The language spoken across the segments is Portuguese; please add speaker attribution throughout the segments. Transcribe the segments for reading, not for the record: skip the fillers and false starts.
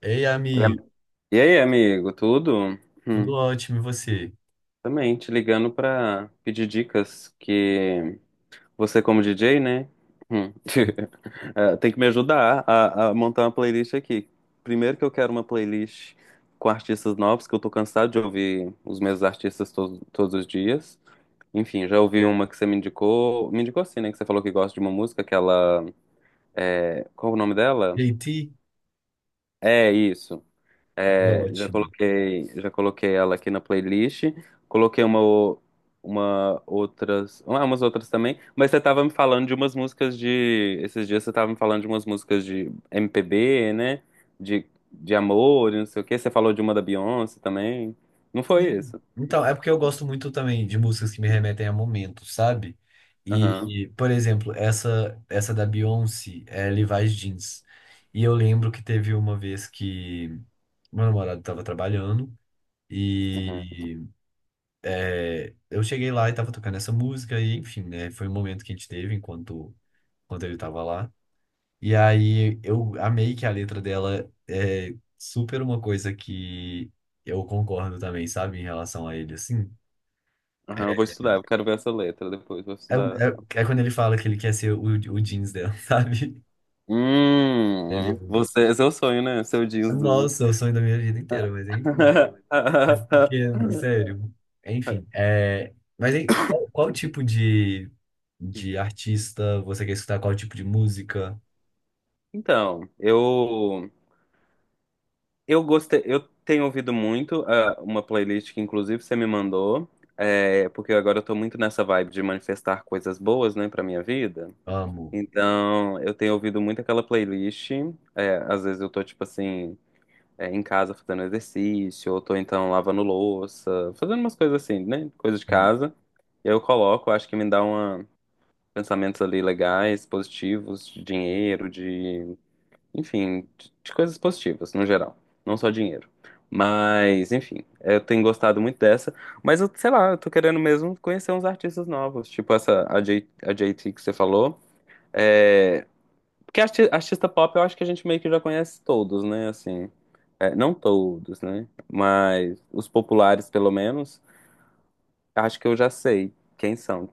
Speaker 1: Ei,
Speaker 2: Oi.
Speaker 1: amigo,
Speaker 2: E aí, amigo, tudo?
Speaker 1: tudo
Speaker 2: Hum,
Speaker 1: ótimo, e você?
Speaker 2: também te ligando pra pedir dicas que você como DJ, né? Hum, tem que me ajudar a montar uma playlist aqui. Primeiro que eu quero uma playlist com artistas novos, que eu tô cansado de ouvir os mesmos artistas todos os dias. Enfim, já ouvi uma que você me indicou assim, né? Que você falou que gosta de uma música, aquela. Qual é o nome dela?
Speaker 1: JT?
Speaker 2: É isso.
Speaker 1: Ah,
Speaker 2: É, já
Speaker 1: ótimo.
Speaker 2: coloquei, já coloquei ela aqui na playlist. Coloquei uma, umas outras também. Mas você tava me falando de umas músicas de, esses dias você tava me falando de umas músicas de MPB, né? De amor, e não sei o quê. Você falou de uma da Beyoncé também. Não foi
Speaker 1: Sim.
Speaker 2: isso?
Speaker 1: Então, é porque eu gosto muito também de músicas que me remetem a momentos, sabe?
Speaker 2: Aham,
Speaker 1: E, por exemplo, essa da Beyoncé é Levi's Jeans. E eu lembro que teve uma vez que meu namorado estava trabalhando
Speaker 2: aham,
Speaker 1: e eu cheguei lá e estava tocando essa música e, enfim, né? Foi um momento que a gente teve enquanto ele estava lá. E aí eu amei que a letra dela é super uma coisa que eu concordo também, sabe? Em relação a ele, assim.
Speaker 2: aham. Eu vou
Speaker 1: É,
Speaker 2: estudar. Eu quero ver essa letra depois. Vou
Speaker 1: é, um-
Speaker 2: estudar.
Speaker 1: é- é quando ele fala que ele quer ser o jeans dela, sabe?
Speaker 2: Hum,
Speaker 1: Entendeu?
Speaker 2: você, é seu sonho, né? Seu jeans do...
Speaker 1: Nossa, é o sonho da minha vida inteira, mas enfim. É. Porque, sério, enfim. É, mas hein, qual tipo de artista você quer escutar? Qual tipo de música?
Speaker 2: Então, eu gostei, eu tenho ouvido muito uma playlist que inclusive você me mandou, porque agora eu tô muito nessa vibe de manifestar coisas boas, né, pra minha vida.
Speaker 1: Amo.
Speaker 2: Então, eu tenho ouvido muito aquela playlist, às vezes eu tô tipo assim, em casa fazendo exercício, ou tô então lavando louça, fazendo umas coisas assim, né, coisa de casa. E aí eu coloco, acho que me dá uma pensamentos ali legais, positivos, de dinheiro, enfim, de coisas positivas, no geral. Não só dinheiro. Mas, enfim, eu tenho gostado muito dessa. Mas eu, sei lá, eu tô querendo mesmo conhecer uns artistas novos. Tipo essa, a JT que você falou. É, porque artista pop eu acho que a gente meio que já conhece todos, né? Assim, é, não todos, né? Mas os populares, pelo menos, acho que eu já sei quem são.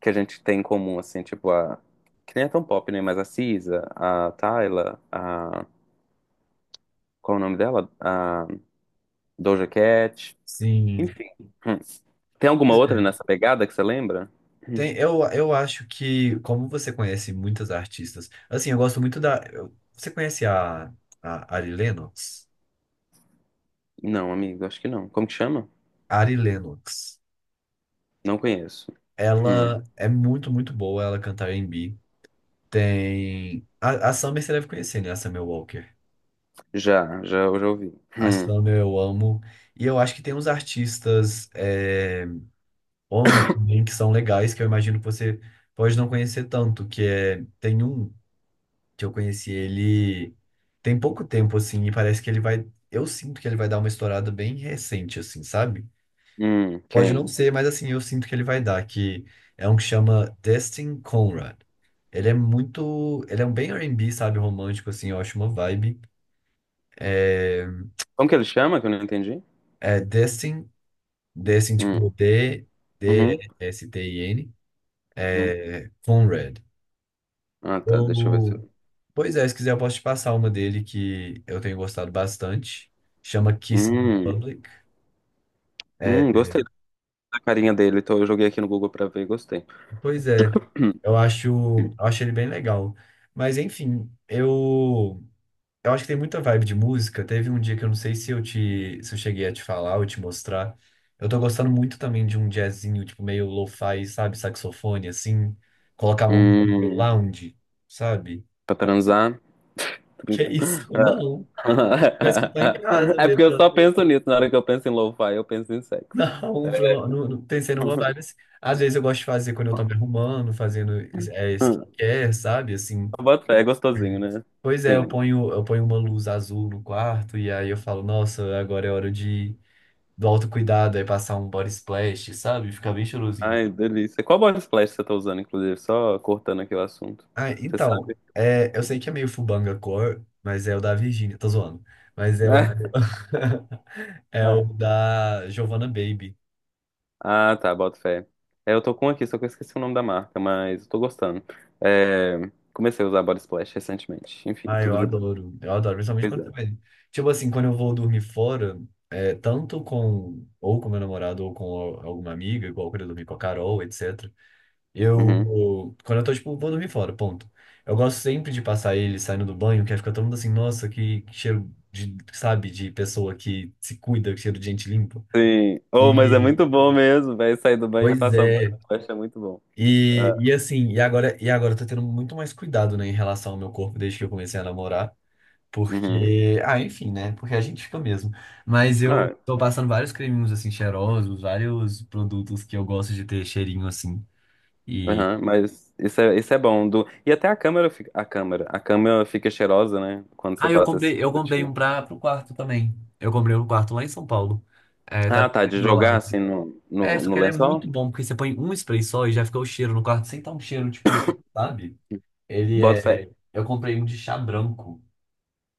Speaker 2: Que a gente tem em comum, assim, tipo a. Que nem é tão pop, né? Mas a Cisa, a Tyla, a. Qual é o nome dela? Doja Cat.
Speaker 1: Sim.
Speaker 2: Enfim. Hum. Tem alguma
Speaker 1: Pois
Speaker 2: outra
Speaker 1: é.
Speaker 2: nessa pegada que você lembra? Hum.
Speaker 1: Tem, eu acho que, como você conhece muitas artistas, assim, eu gosto muito da. Você conhece a Ari Lennox?
Speaker 2: Não, amigo, acho que não. Como que chama?
Speaker 1: Ari Lennox.
Speaker 2: Não conheço. Hum.
Speaker 1: Ela é muito, muito boa, ela canta R e B. Tem. A Summer você deve conhecer, né? A Summer Walker.
Speaker 2: Já, já, eu já ouvi.
Speaker 1: A
Speaker 2: Hum.
Speaker 1: Summer eu amo. E eu acho que tem uns artistas homens também que são legais, que eu imagino que você pode não conhecer tanto, que é. Tem um. Que eu conheci ele tem pouco tempo, assim, e parece que ele vai. Eu sinto que ele vai dar uma estourada bem recente, assim, sabe?
Speaker 2: Hum.
Speaker 1: Pode não
Speaker 2: Quem?
Speaker 1: ser, mas assim, eu sinto que ele vai dar, que é um que chama Destin Conrad. Ele é muito. Ele é um bem R&B, sabe? Romântico, assim, eu acho uma vibe. É,
Speaker 2: Como que ele chama que eu não entendi?
Speaker 1: é Destin, tipo,
Speaker 2: Hum.
Speaker 1: D,
Speaker 2: Uhum.
Speaker 1: D, S, T, I, N.
Speaker 2: Uhum.
Speaker 1: É, Conrad.
Speaker 2: Ah, tá. Deixa eu ver se
Speaker 1: Eu-
Speaker 2: eu...
Speaker 1: Pois é, se quiser eu posso te passar uma dele que eu tenho gostado bastante. Chama Kissing in
Speaker 2: Hum.
Speaker 1: Public. É,
Speaker 2: Gostei da carinha dele. Então eu joguei aqui no Google pra ver e gostei.
Speaker 1: pois é, eu acho, eu acho ele bem legal. Mas enfim, eu acho que tem muita vibe de música. Teve um dia que eu não sei se eu cheguei a te falar ou te mostrar. Eu tô gostando muito também de um jazzinho, tipo, meio lo-fi, sabe? Saxofone, assim. Colocar um
Speaker 2: Hum.
Speaker 1: lounge, sabe?
Speaker 2: Pra transar? Tô
Speaker 1: Que
Speaker 2: brincando.
Speaker 1: isso? Não, vai escutar em casa
Speaker 2: É
Speaker 1: mesmo.
Speaker 2: porque eu só penso nisso. Na hora que eu penso em lo-fi, eu penso em sexo.
Speaker 1: Não, no, no, tem sendo vibe assim. Às vezes eu gosto de fazer quando eu tô me arrumando, fazendo skincare, sabe? Assim.
Speaker 2: Bota fé, é gostosinho,
Speaker 1: Uhum.
Speaker 2: né?
Speaker 1: Pois é,
Speaker 2: Sim.
Speaker 1: eu ponho uma luz azul no quarto e aí eu falo, nossa, agora é hora de do autocuidado, aí passar um body splash, sabe? Fica bem cheirosinho.
Speaker 2: Ai, delícia. Qual body splash você tá usando, inclusive? Só cortando aqui o assunto.
Speaker 1: Ah,
Speaker 2: Você
Speaker 1: então,
Speaker 2: sabe?
Speaker 1: é, eu sei que é meio Fubanga Core, mas é o da Virgínia, tô zoando. Mas é o
Speaker 2: Né?
Speaker 1: é o
Speaker 2: É.
Speaker 1: da Giovanna Baby.
Speaker 2: Ah, tá. Bota fé. É, eu tô com um aqui, só que eu esqueci o nome da marca, mas eu tô gostando. É, comecei a usar body splash recentemente. Enfim,
Speaker 1: Ah, eu
Speaker 2: tudo de bom.
Speaker 1: adoro. Eu adoro, principalmente
Speaker 2: Pois
Speaker 1: quando
Speaker 2: é.
Speaker 1: você vai. Tipo assim, quando eu vou dormir fora, é, tanto com ou com meu namorado ou com alguma amiga, igual quando eu dormi com a Carol, etc.
Speaker 2: Uhum.
Speaker 1: Eu, quando eu tô, tipo, vou dormir fora, ponto. Eu gosto sempre de passar ele saindo do banho, que aí fica todo mundo assim, nossa, que cheiro de, sabe, de pessoa que se cuida, que cheiro de gente limpa.
Speaker 2: Sim. Oh, mas é
Speaker 1: E,
Speaker 2: muito bom mesmo, velho. Sair do banho e
Speaker 1: pois
Speaker 2: passar o
Speaker 1: é.
Speaker 2: body splash é muito bom. Ah,
Speaker 1: E, e agora eu tô tendo muito mais cuidado, né, em relação ao meu corpo desde que eu comecei a namorar.
Speaker 2: uhum.
Speaker 1: Porque, ah, enfim, né? Porque a gente fica mesmo. Mas eu
Speaker 2: Ah,
Speaker 1: tô passando vários creminhos assim cheirosos, vários produtos que eu gosto de ter cheirinho assim. E
Speaker 2: aham, mas isso é bom. Do... E até a câmera fica. A câmera fica cheirosa, né? Quando você
Speaker 1: ah,
Speaker 2: passa esse
Speaker 1: eu comprei um
Speaker 2: produtivo.
Speaker 1: para pro quarto também. Eu comprei um quarto lá em São Paulo. É, tá
Speaker 2: Ah, tá.
Speaker 1: aqui do
Speaker 2: De
Speaker 1: meu
Speaker 2: jogar
Speaker 1: lado.
Speaker 2: assim no,
Speaker 1: É,
Speaker 2: no,
Speaker 1: só
Speaker 2: no
Speaker 1: que ele é
Speaker 2: lençol?
Speaker 1: muito bom porque você põe um spray só e já fica o cheiro no quarto sem tá um cheiro tipo, sabe? Ele
Speaker 2: Boto fé.
Speaker 1: é, eu comprei um de chá branco.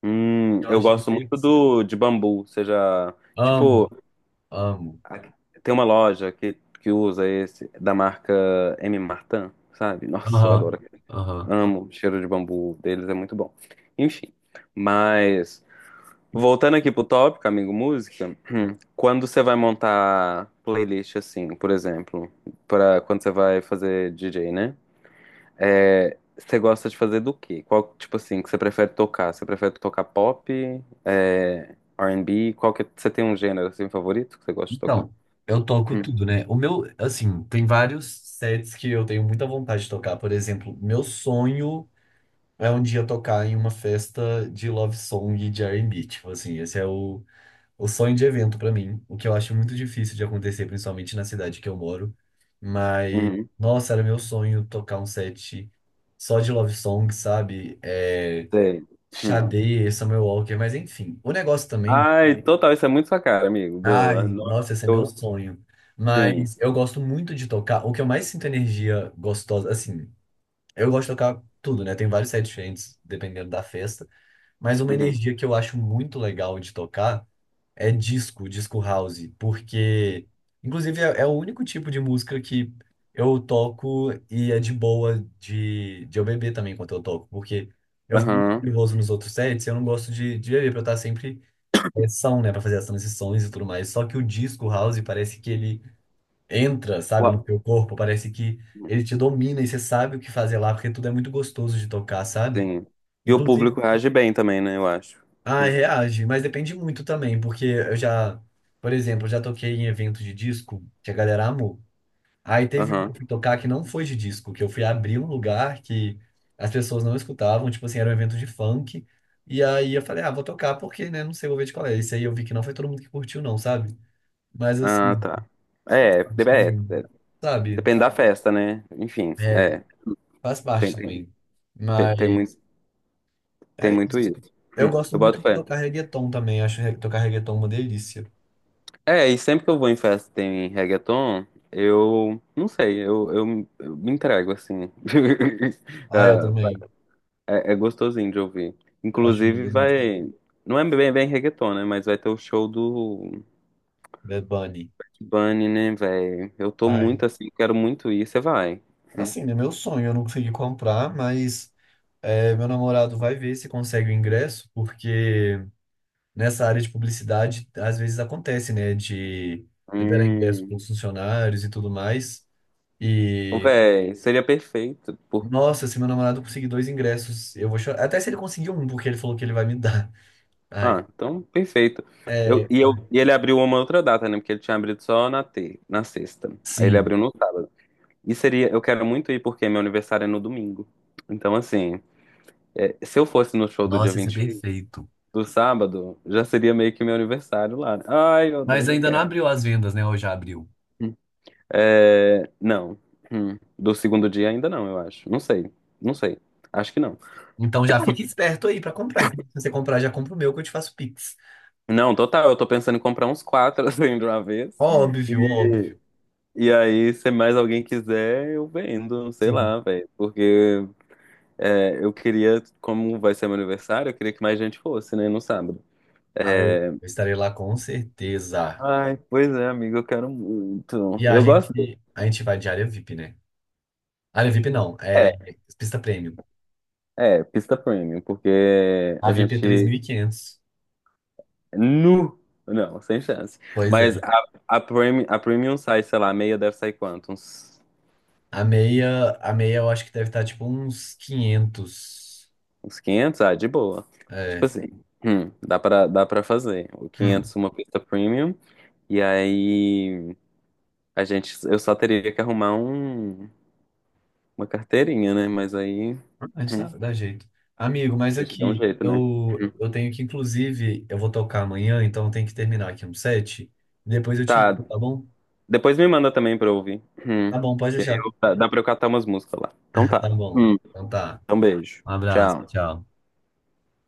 Speaker 2: Hum,
Speaker 1: Que eu
Speaker 2: eu
Speaker 1: achei
Speaker 2: gosto muito
Speaker 1: delícia.
Speaker 2: do de bambu. Você já.
Speaker 1: Amo,
Speaker 2: Tipo,
Speaker 1: amo.
Speaker 2: a- tem uma loja que usa esse, da marca M. Martin, sabe? Nossa, eu
Speaker 1: Aham.
Speaker 2: adoro.
Speaker 1: Aham.
Speaker 2: Amo o cheiro de bambu deles, é muito bom. Enfim. Mas, voltando aqui pro tópico, amigo, música. Quando você vai montar playlist assim, por exemplo, para quando você vai fazer DJ, né? É, você gosta de fazer do quê? Qual tipo assim que você prefere tocar? Você prefere tocar pop, R&B? Qual que é, você tem um gênero assim favorito que você gosta de tocar?
Speaker 1: Então, eu toco
Speaker 2: Hum,
Speaker 1: tudo, né? O meu, assim, tem vários sets que eu tenho muita vontade de tocar. Por exemplo, meu sonho é um dia tocar em uma festa de love song de R&B. Tipo assim, esse é o sonho de evento pra mim. O que eu acho muito difícil de acontecer, principalmente na cidade que eu moro. Mas,
Speaker 2: uhum,
Speaker 1: nossa, era meu sonho tocar um set só de love song, sabe? É,
Speaker 2: sei. Hum.
Speaker 1: Sade, Summer Walker, mas enfim. O negócio também.
Speaker 2: Ai, total, isso é muito sua cara, amigo. Boa.
Speaker 1: Ai,
Speaker 2: Nossa,
Speaker 1: nossa, esse é meu
Speaker 2: eu-
Speaker 1: sonho.
Speaker 2: sim.
Speaker 1: Mas eu gosto muito de tocar. O que eu mais sinto energia gostosa, assim, eu gosto de tocar tudo, né? Tem vários sete diferentes dependendo da festa. Mas uma
Speaker 2: Uhum.
Speaker 1: energia que eu acho muito legal de tocar é disco, disco house. Porque, inclusive, é o único tipo de música que eu toco e é de boa de eu beber também enquanto eu toco. Porque eu fico muito
Speaker 2: Aham.
Speaker 1: nervoso nos outros sets, e eu não gosto de beber pra eu estar sempre pressão, né, para fazer as transições e tudo mais. Só que o disco house parece que ele entra, sabe, no
Speaker 2: Uau.
Speaker 1: teu corpo, parece que ele te domina e você sabe o que fazer lá, porque tudo é muito gostoso de tocar, sabe?
Speaker 2: Sim. E o
Speaker 1: Inclusive,
Speaker 2: público reage bem também, né? Eu acho.
Speaker 1: ah, reage, mas depende muito também, porque eu já, por exemplo, eu já toquei em evento de disco que a galera amou. Aí teve um que
Speaker 2: Uhum.
Speaker 1: eu fui tocar que não foi de disco, que eu fui abrir um lugar que as pessoas não escutavam, tipo assim, era um evento de funk. E aí eu falei, ah, vou tocar porque, né, não sei, vou ver de qual é. Isso aí eu vi que não foi todo mundo que curtiu, não, sabe? Mas
Speaker 2: Ah,
Speaker 1: assim,
Speaker 2: tá.
Speaker 1: faz
Speaker 2: É,
Speaker 1: parte
Speaker 2: é,
Speaker 1: também,
Speaker 2: é,
Speaker 1: sabe?
Speaker 2: depende da festa, né? Enfim,
Speaker 1: É, faz
Speaker 2: tem,
Speaker 1: parte
Speaker 2: tem,
Speaker 1: também.
Speaker 2: tem, tem muito,
Speaker 1: Mas
Speaker 2: tem
Speaker 1: é
Speaker 2: muito
Speaker 1: isso.
Speaker 2: isso.
Speaker 1: Eu
Speaker 2: Hum,
Speaker 1: gosto
Speaker 2: Eu
Speaker 1: muito
Speaker 2: boto
Speaker 1: de
Speaker 2: fé.
Speaker 1: tocar reggaeton também. Acho tocar reggaeton uma delícia.
Speaker 2: É, e sempre que eu vou em festa e tem reggaeton, eu não sei, eu me entrego assim.
Speaker 1: Ah, eu
Speaker 2: Ah,
Speaker 1: também.
Speaker 2: é, é gostosinho de ouvir.
Speaker 1: Eu acho uma
Speaker 2: Inclusive
Speaker 1: delícia.
Speaker 2: vai. Não é bem, bem reggaeton, né? Mas vai ter o show do
Speaker 1: Bad Bunny.
Speaker 2: Bunny, né, velho? Eu tô
Speaker 1: Ai.
Speaker 2: muito assim, quero muito ir. Você vai. Hum.
Speaker 1: Assim, é meu sonho. Eu não consegui comprar, mas é, meu namorado vai ver se consegue o ingresso, porque nessa área de publicidade, às vezes acontece, né? De liberar ingresso para
Speaker 2: Hum.
Speaker 1: os funcionários e tudo mais.
Speaker 2: Ô,
Speaker 1: E.
Speaker 2: véi, seria perfeito.
Speaker 1: Nossa, se meu namorado conseguir dois ingressos, eu vou chorar. Até se ele conseguir um, porque ele falou que ele vai me dar. Ai,
Speaker 2: Ah, então, perfeito. Eu,
Speaker 1: é,
Speaker 2: e, eu,
Speaker 1: ai.
Speaker 2: e ele abriu uma outra data, né? Porque ele tinha abrido só na sexta. Aí ele
Speaker 1: Sim,
Speaker 2: abriu no sábado. E seria, eu quero muito ir porque meu aniversário é no domingo. Então, assim, se eu fosse no show do dia
Speaker 1: nossa, ia ser
Speaker 2: 21
Speaker 1: perfeito.
Speaker 2: do sábado, já seria meio que meu aniversário lá. Né? Ai, meu
Speaker 1: Mas
Speaker 2: Deus, eu
Speaker 1: ainda não
Speaker 2: quero.
Speaker 1: abriu as vendas, né? Ou já abriu?
Speaker 2: É, não. Hum. Do segundo dia ainda não, eu acho. Não sei. Não sei. Acho que não.
Speaker 1: Então já fique esperto aí pra comprar. Se você comprar, já compra o meu que eu te faço Pix.
Speaker 2: Não, total, eu tô pensando em comprar uns quatro assim de uma vez.
Speaker 1: Óbvio, óbvio.
Speaker 2: e E aí, se mais alguém quiser, eu vendo, sei
Speaker 1: Sim.
Speaker 2: lá, velho. Porque eu queria, como vai ser meu aniversário, eu queria que mais gente fosse, né, no sábado.
Speaker 1: Ah,
Speaker 2: É,
Speaker 1: eu estarei lá com certeza.
Speaker 2: ai, pois é, amigo, eu quero muito.
Speaker 1: E a
Speaker 2: Eu gosto de...
Speaker 1: gente, a gente vai de área VIP, né? Área VIP não, é
Speaker 2: É,
Speaker 1: pista premium.
Speaker 2: é, pista premium, porque
Speaker 1: A
Speaker 2: a
Speaker 1: VIP é três mil
Speaker 2: gente...
Speaker 1: e quinhentos.
Speaker 2: Nu! Não, sem chance.
Speaker 1: Pois
Speaker 2: Mas
Speaker 1: é.
Speaker 2: a, a, premium, a premium sai, sei lá, a meia deve sair quanto? Uns,
Speaker 1: A meia eu acho que deve estar tipo uns 500.
Speaker 2: uns 500. Ah, de boa. Tipo
Speaker 1: É.
Speaker 2: assim, dá pra fazer. O
Speaker 1: Hum.
Speaker 2: 500 uma pista premium. E aí... A gente, eu só teria que arrumar uma carteirinha, né? Mas aí,
Speaker 1: A gente
Speaker 2: hum,
Speaker 1: dá, dá jeito. Amigo, mas
Speaker 2: a gente dá um
Speaker 1: aqui,
Speaker 2: jeito, né? Hum.
Speaker 1: eu tenho que, inclusive, eu vou tocar amanhã, então eu tenho que terminar aqui um set. Depois eu te
Speaker 2: Tá.
Speaker 1: ligo, tá bom?
Speaker 2: Depois me manda também pra eu ouvir. Hum.
Speaker 1: Tá bom, pode
Speaker 2: Que aí
Speaker 1: deixar.
Speaker 2: dá pra eu catar umas músicas lá. Então
Speaker 1: Tá
Speaker 2: tá.
Speaker 1: bom.
Speaker 2: Hum.
Speaker 1: Então tá.
Speaker 2: Então beijo.
Speaker 1: Um abraço,
Speaker 2: Tchau.
Speaker 1: tchau.